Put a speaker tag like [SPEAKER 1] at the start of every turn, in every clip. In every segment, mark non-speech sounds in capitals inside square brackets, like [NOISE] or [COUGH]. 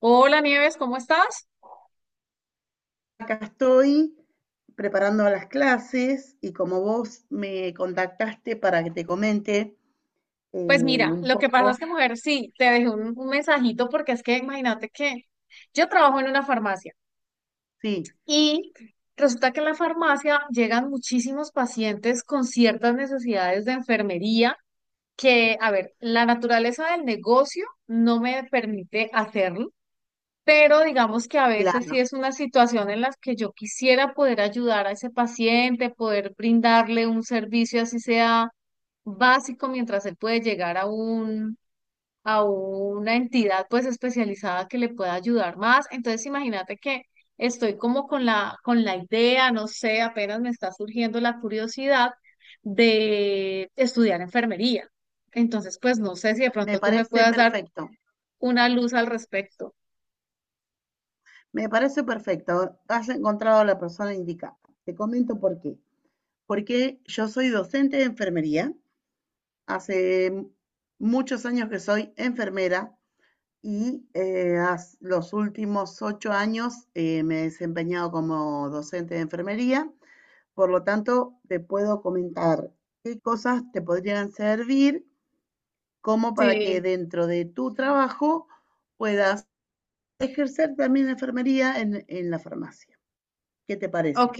[SPEAKER 1] Hola Nieves, ¿cómo estás?
[SPEAKER 2] Acá estoy preparando las clases y como vos me contactaste para que te comente
[SPEAKER 1] Pues mira,
[SPEAKER 2] un
[SPEAKER 1] lo que pasa
[SPEAKER 2] poco,
[SPEAKER 1] es que, mujer, sí, te dejé un mensajito porque es que imagínate que yo trabajo en una farmacia
[SPEAKER 2] sí,
[SPEAKER 1] y resulta que en la farmacia llegan muchísimos pacientes con ciertas necesidades de enfermería que, a ver, la naturaleza del negocio no me permite hacerlo, pero digamos que a veces sí
[SPEAKER 2] claro,
[SPEAKER 1] es una situación en la que yo quisiera poder ayudar a ese paciente, poder brindarle un servicio así sea básico mientras él puede llegar a a una entidad pues especializada que le pueda ayudar más. Entonces imagínate que estoy como con la idea, no sé, apenas me está surgiendo la curiosidad de estudiar enfermería. Entonces, pues no sé si de
[SPEAKER 2] me
[SPEAKER 1] pronto tú me
[SPEAKER 2] parece
[SPEAKER 1] puedas dar
[SPEAKER 2] perfecto,
[SPEAKER 1] una luz al respecto.
[SPEAKER 2] me parece perfecto, has encontrado a la persona indicada. Te comento por qué. Porque yo soy docente de enfermería, hace muchos años que soy enfermera y los últimos 8 años me he desempeñado como docente de enfermería. Por lo tanto, te puedo comentar qué cosas te podrían servir como para que
[SPEAKER 1] Sí,
[SPEAKER 2] dentro de tu trabajo puedas ejercer también la enfermería en la farmacia. ¿Qué te parece?
[SPEAKER 1] ok,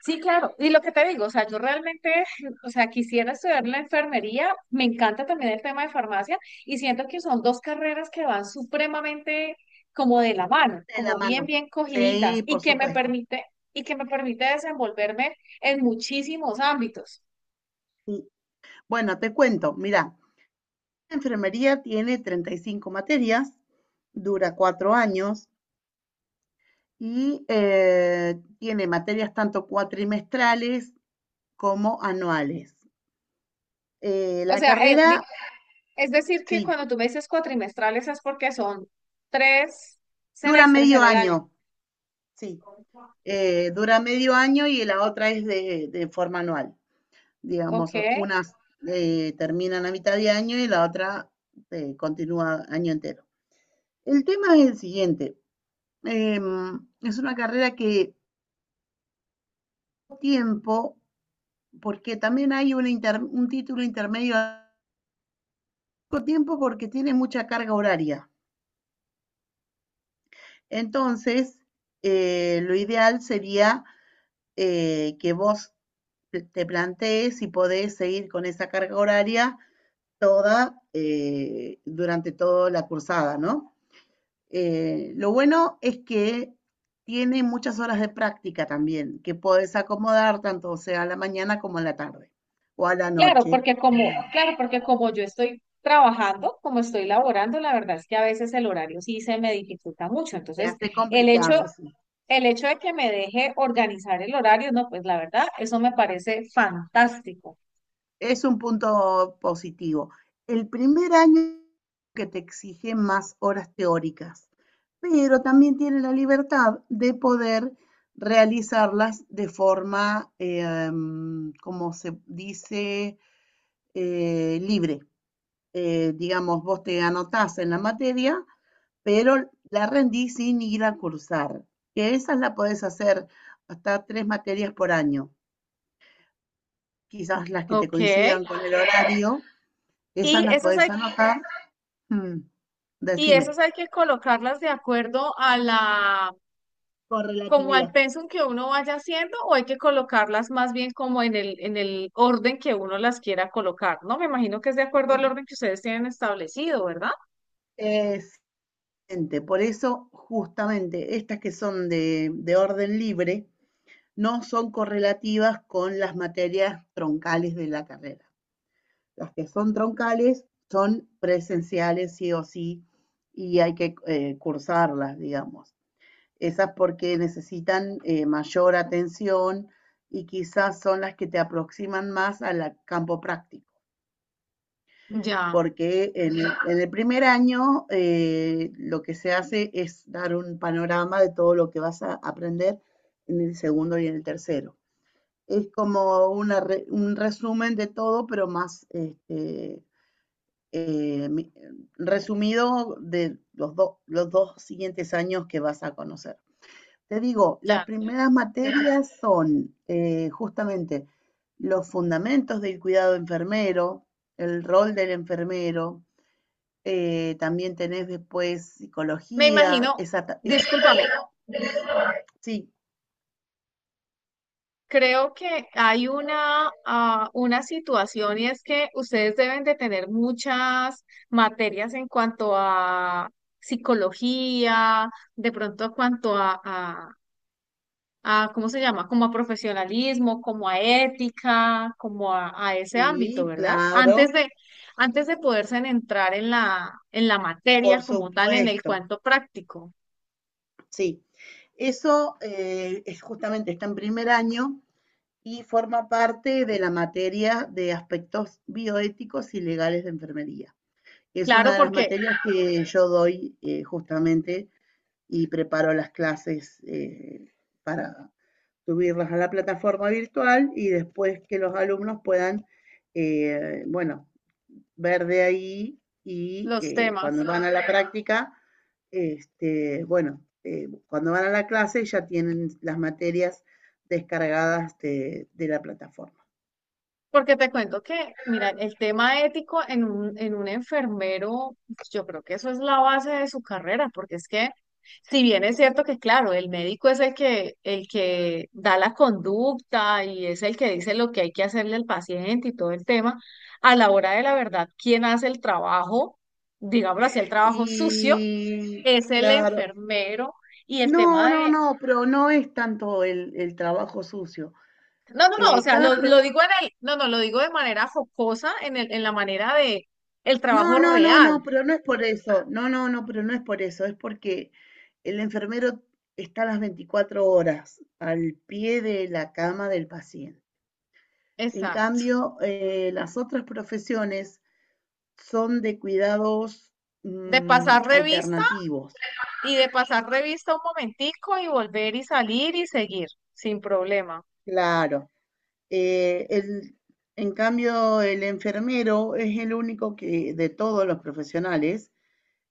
[SPEAKER 1] sí, claro. Y lo que te digo, o sea, yo realmente, o sea, quisiera estudiar la enfermería, me encanta también el tema de farmacia y siento que son dos carreras que van supremamente como de la mano,
[SPEAKER 2] De la
[SPEAKER 1] como bien,
[SPEAKER 2] mano.
[SPEAKER 1] bien cogiditas
[SPEAKER 2] Sí,
[SPEAKER 1] y
[SPEAKER 2] por
[SPEAKER 1] que me
[SPEAKER 2] supuesto.
[SPEAKER 1] permite, y que me permite desenvolverme en muchísimos ámbitos.
[SPEAKER 2] Sí. Bueno, te cuento, mira, la enfermería tiene 35 materias, dura 4 años y tiene materias tanto cuatrimestrales como anuales.
[SPEAKER 1] O
[SPEAKER 2] La
[SPEAKER 1] sea,
[SPEAKER 2] carrera,
[SPEAKER 1] es decir, que
[SPEAKER 2] sí,
[SPEAKER 1] cuando tú me dices cuatrimestrales es porque son tres
[SPEAKER 2] dura
[SPEAKER 1] semestres
[SPEAKER 2] medio
[SPEAKER 1] en el año.
[SPEAKER 2] año, sí. Dura medio año y la otra es de forma anual. Digamos,
[SPEAKER 1] Ok.
[SPEAKER 2] unas terminan a mitad de año y la otra continúa año entero. El tema es el siguiente. Eh, es una carrera que tiempo, porque también hay un título intermedio a poco tiempo porque tiene mucha carga horaria. Entonces, lo ideal sería que vos te plantees si podés seguir con esa carga horaria toda durante toda la cursada, ¿no? Lo bueno es que tiene muchas horas de práctica también, que podés acomodar tanto sea a la mañana como a la tarde o a la noche.
[SPEAKER 1] Claro, porque como yo estoy trabajando, como estoy laborando, la verdad es que a veces el horario sí se me dificulta mucho.
[SPEAKER 2] Se
[SPEAKER 1] Entonces,
[SPEAKER 2] hace
[SPEAKER 1] el hecho,
[SPEAKER 2] complicado, sí.
[SPEAKER 1] el hecho de que me deje organizar el horario, no, pues la verdad, eso me parece fantástico.
[SPEAKER 2] Es un punto positivo. El primer año que te exige más horas teóricas, pero también tiene la libertad de poder realizarlas de forma, como se dice, libre. Digamos, vos te anotás en la materia, pero la rendís sin ir a cursar, que esas la podés hacer hasta 3 materias por año, quizás las que te
[SPEAKER 1] Ok.
[SPEAKER 2] coincidan con el horario.
[SPEAKER 1] Y
[SPEAKER 2] Esas las
[SPEAKER 1] esas
[SPEAKER 2] podés
[SPEAKER 1] hay,
[SPEAKER 2] anotar. Mm,
[SPEAKER 1] y
[SPEAKER 2] decime.
[SPEAKER 1] esas hay que colocarlas de acuerdo a la, como al
[SPEAKER 2] Correlatividad.
[SPEAKER 1] pensum que uno vaya haciendo, o hay que colocarlas más bien como en en el orden que uno las quiera colocar, ¿no? Me imagino que es de acuerdo al orden que ustedes tienen establecido, ¿verdad?
[SPEAKER 2] Excelente. Por eso, justamente, estas que son de orden libre no son correlativas con las materias troncales de la carrera. Las que son troncales son presenciales sí o sí y hay que cursarlas, digamos. Esas porque necesitan mayor atención y quizás son las que te aproximan más al campo práctico.
[SPEAKER 1] Ya,
[SPEAKER 2] Porque en el primer año lo que se hace es dar un panorama de todo lo que vas a aprender en el segundo y en el tercero. Es como un resumen de todo, pero más este, eh, resumido de los dos siguientes años que vas a conocer. Te digo, las
[SPEAKER 1] ya.
[SPEAKER 2] primeras materias son justamente los fundamentos del cuidado enfermero, el rol del enfermero, también tenés después
[SPEAKER 1] Me
[SPEAKER 2] psicología,
[SPEAKER 1] imagino,
[SPEAKER 2] esa.
[SPEAKER 1] discúlpame,
[SPEAKER 2] Sí,
[SPEAKER 1] creo que hay una, ah, una situación y es que ustedes deben de tener muchas materias en cuanto a psicología, de pronto en cuanto a, ¿cómo se llama? Como a profesionalismo, como a ética, como a ese ámbito,
[SPEAKER 2] sí,
[SPEAKER 1] ¿verdad?
[SPEAKER 2] claro,
[SPEAKER 1] Antes de poderse entrar en la
[SPEAKER 2] por
[SPEAKER 1] materia como tal, en el
[SPEAKER 2] supuesto,
[SPEAKER 1] cuento práctico.
[SPEAKER 2] sí. Eso es justamente está en primer año y forma parte de la materia de aspectos bioéticos y legales de enfermería. Es una
[SPEAKER 1] Claro,
[SPEAKER 2] de las
[SPEAKER 1] porque
[SPEAKER 2] materias que yo doy justamente y preparo las clases para subirlas a la plataforma virtual y después que los alumnos puedan, bueno, ver de ahí y
[SPEAKER 1] los
[SPEAKER 2] eh, cuando
[SPEAKER 1] temas.
[SPEAKER 2] van a la práctica, este, bueno, cuando van a la clase ya tienen las materias descargadas de la plataforma.
[SPEAKER 1] Porque te cuento que, mira, el tema ético en un enfermero, pues, yo creo que eso es la base de su carrera, porque es que, si bien es cierto que, claro, el médico es el que da la conducta y es el que dice lo que hay que hacerle al paciente y todo el tema, a la hora de la verdad, quien hace el trabajo, digámoslo así, el trabajo sucio,
[SPEAKER 2] Y
[SPEAKER 1] es el
[SPEAKER 2] claro,
[SPEAKER 1] enfermero. Y el
[SPEAKER 2] no,
[SPEAKER 1] tema
[SPEAKER 2] no, no, pero no es tanto el trabajo sucio.
[SPEAKER 1] no, no, no, o
[SPEAKER 2] Eh,
[SPEAKER 1] sea,
[SPEAKER 2] cada, pro-
[SPEAKER 1] lo digo en el, no, no, lo digo de manera jocosa, en el, en la manera de el
[SPEAKER 2] No,
[SPEAKER 1] trabajo
[SPEAKER 2] no, no, no,
[SPEAKER 1] real,
[SPEAKER 2] pero no es por eso. No, no, no, pero no es por eso. Es porque el enfermero está las 24 horas al pie de la cama del paciente. En
[SPEAKER 1] exacto,
[SPEAKER 2] cambio, las otras profesiones son de cuidados
[SPEAKER 1] de
[SPEAKER 2] mm,
[SPEAKER 1] pasar revista
[SPEAKER 2] alternativos.
[SPEAKER 1] y de pasar revista un momentico y volver y salir y seguir, sin problema.
[SPEAKER 2] Claro. Eh, el- en cambio, el enfermero es el único que, de todos los profesionales,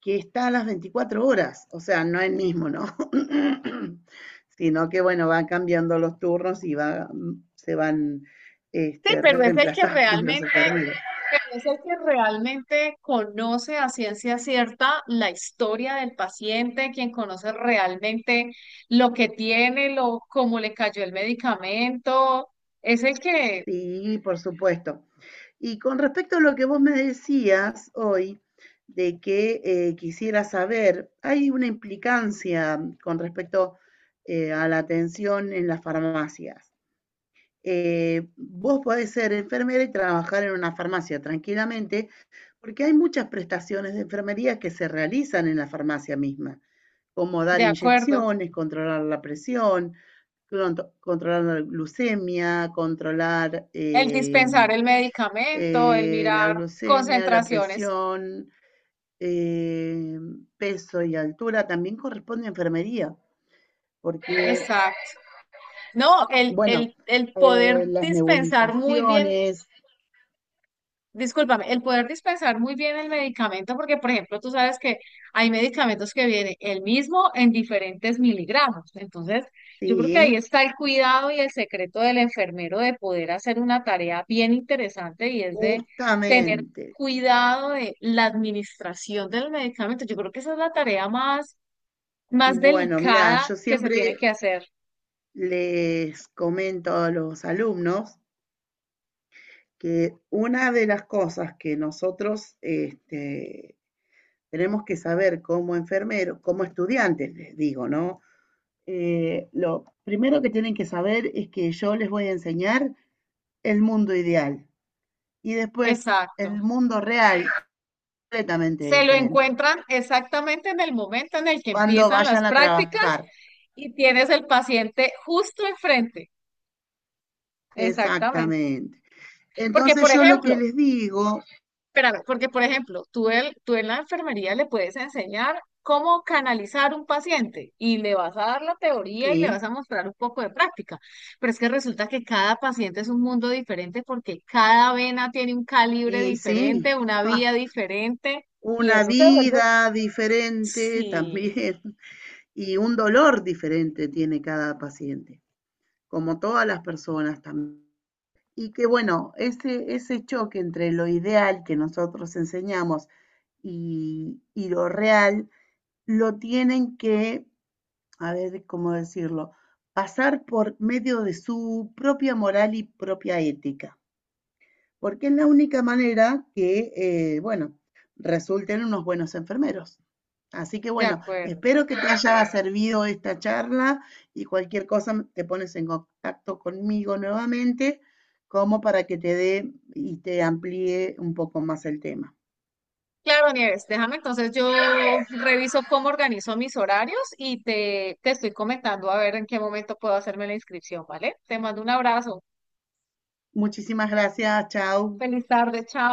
[SPEAKER 2] que está a las 24 horas, o sea, no el mismo, ¿no? [CLEARS THROAT] [COUGHS] Sino que, bueno, van cambiando los turnos y va, se van
[SPEAKER 1] Sí,
[SPEAKER 2] este,
[SPEAKER 1] pero es el que
[SPEAKER 2] reemplazando [LAUGHS] los
[SPEAKER 1] realmente,
[SPEAKER 2] enfermeros.
[SPEAKER 1] pero es el que realmente conoce a ciencia cierta la historia del paciente, quien conoce realmente lo que tiene, lo, cómo le cayó el medicamento, es el que,
[SPEAKER 2] Sí, por supuesto. Y con respecto a lo que vos me decías hoy, de que quisiera saber, hay una implicancia con respecto a la atención en las farmacias. Vos podés ser enfermera y trabajar en una farmacia tranquilamente, porque hay muchas prestaciones de enfermería que se realizan en la farmacia misma, como dar
[SPEAKER 1] de acuerdo.
[SPEAKER 2] inyecciones, controlar la presión, controlar
[SPEAKER 1] El dispensar el medicamento, el
[SPEAKER 2] la
[SPEAKER 1] mirar
[SPEAKER 2] glucemia, la
[SPEAKER 1] concentraciones.
[SPEAKER 2] presión, eh, peso y altura, también corresponde a enfermería, porque,
[SPEAKER 1] Exacto. No,
[SPEAKER 2] bueno,
[SPEAKER 1] el poder
[SPEAKER 2] las
[SPEAKER 1] dispensar muy bien,
[SPEAKER 2] nebulizaciones,
[SPEAKER 1] discúlpame, el poder dispensar muy bien el medicamento, porque por ejemplo, tú sabes que hay medicamentos que vienen el mismo en diferentes miligramos. Entonces, yo creo que ahí
[SPEAKER 2] ¿sí?
[SPEAKER 1] está el cuidado y el secreto del enfermero de poder hacer una tarea bien interesante y es de tener
[SPEAKER 2] Justamente.
[SPEAKER 1] cuidado de la administración del medicamento. Yo creo que esa es la tarea más más
[SPEAKER 2] Bueno, mira,
[SPEAKER 1] delicada
[SPEAKER 2] yo
[SPEAKER 1] que se
[SPEAKER 2] siempre
[SPEAKER 1] tiene que hacer.
[SPEAKER 2] les comento a los alumnos que una de las cosas que nosotros este, tenemos que saber como enfermeros, como estudiantes, les digo, ¿no? Lo primero que tienen que saber es que yo les voy a enseñar el mundo ideal y después
[SPEAKER 1] Exacto.
[SPEAKER 2] el mundo real completamente
[SPEAKER 1] Se lo
[SPEAKER 2] diferente.
[SPEAKER 1] encuentran exactamente en el momento en el que
[SPEAKER 2] Cuando
[SPEAKER 1] empiezan las
[SPEAKER 2] vayan a
[SPEAKER 1] prácticas
[SPEAKER 2] trabajar,
[SPEAKER 1] y tienes el paciente justo enfrente. Exactamente.
[SPEAKER 2] exactamente.
[SPEAKER 1] Porque,
[SPEAKER 2] Entonces
[SPEAKER 1] por
[SPEAKER 2] yo lo
[SPEAKER 1] ejemplo,
[SPEAKER 2] que les digo
[SPEAKER 1] espérame, porque por ejemplo, tú, el, tú en la enfermería le puedes enseñar cómo canalizar un paciente y le vas a dar la teoría y le vas
[SPEAKER 2] sí,
[SPEAKER 1] a mostrar un poco de práctica, pero es que resulta que cada paciente es un mundo diferente porque cada vena tiene un calibre
[SPEAKER 2] y sí,
[SPEAKER 1] diferente, una
[SPEAKER 2] [LAUGHS] ¡ja!
[SPEAKER 1] vía diferente y
[SPEAKER 2] Una
[SPEAKER 1] eso se vuelve...
[SPEAKER 2] vida diferente
[SPEAKER 1] Sí,
[SPEAKER 2] también, [LAUGHS] y un dolor diferente tiene cada paciente, como todas las personas también. Y que bueno, ese choque entre lo ideal que nosotros enseñamos y lo real, lo tienen que, a ver cómo decirlo, pasar por medio de su propia moral y propia ética. Porque es la única manera que, bueno, resulten unos buenos enfermeros. Así que
[SPEAKER 1] de
[SPEAKER 2] bueno,
[SPEAKER 1] acuerdo.
[SPEAKER 2] espero que te haya [LAUGHS] servido esta charla y cualquier cosa te pones en contacto conmigo nuevamente como para que te dé y te amplíe un poco más el tema.
[SPEAKER 1] Claro, Nieves, déjame entonces yo reviso cómo organizo mis horarios y te estoy comentando a ver en qué momento puedo hacerme la inscripción, ¿vale? Te mando un abrazo.
[SPEAKER 2] Muchísimas gracias, chao.
[SPEAKER 1] Feliz tarde, chao.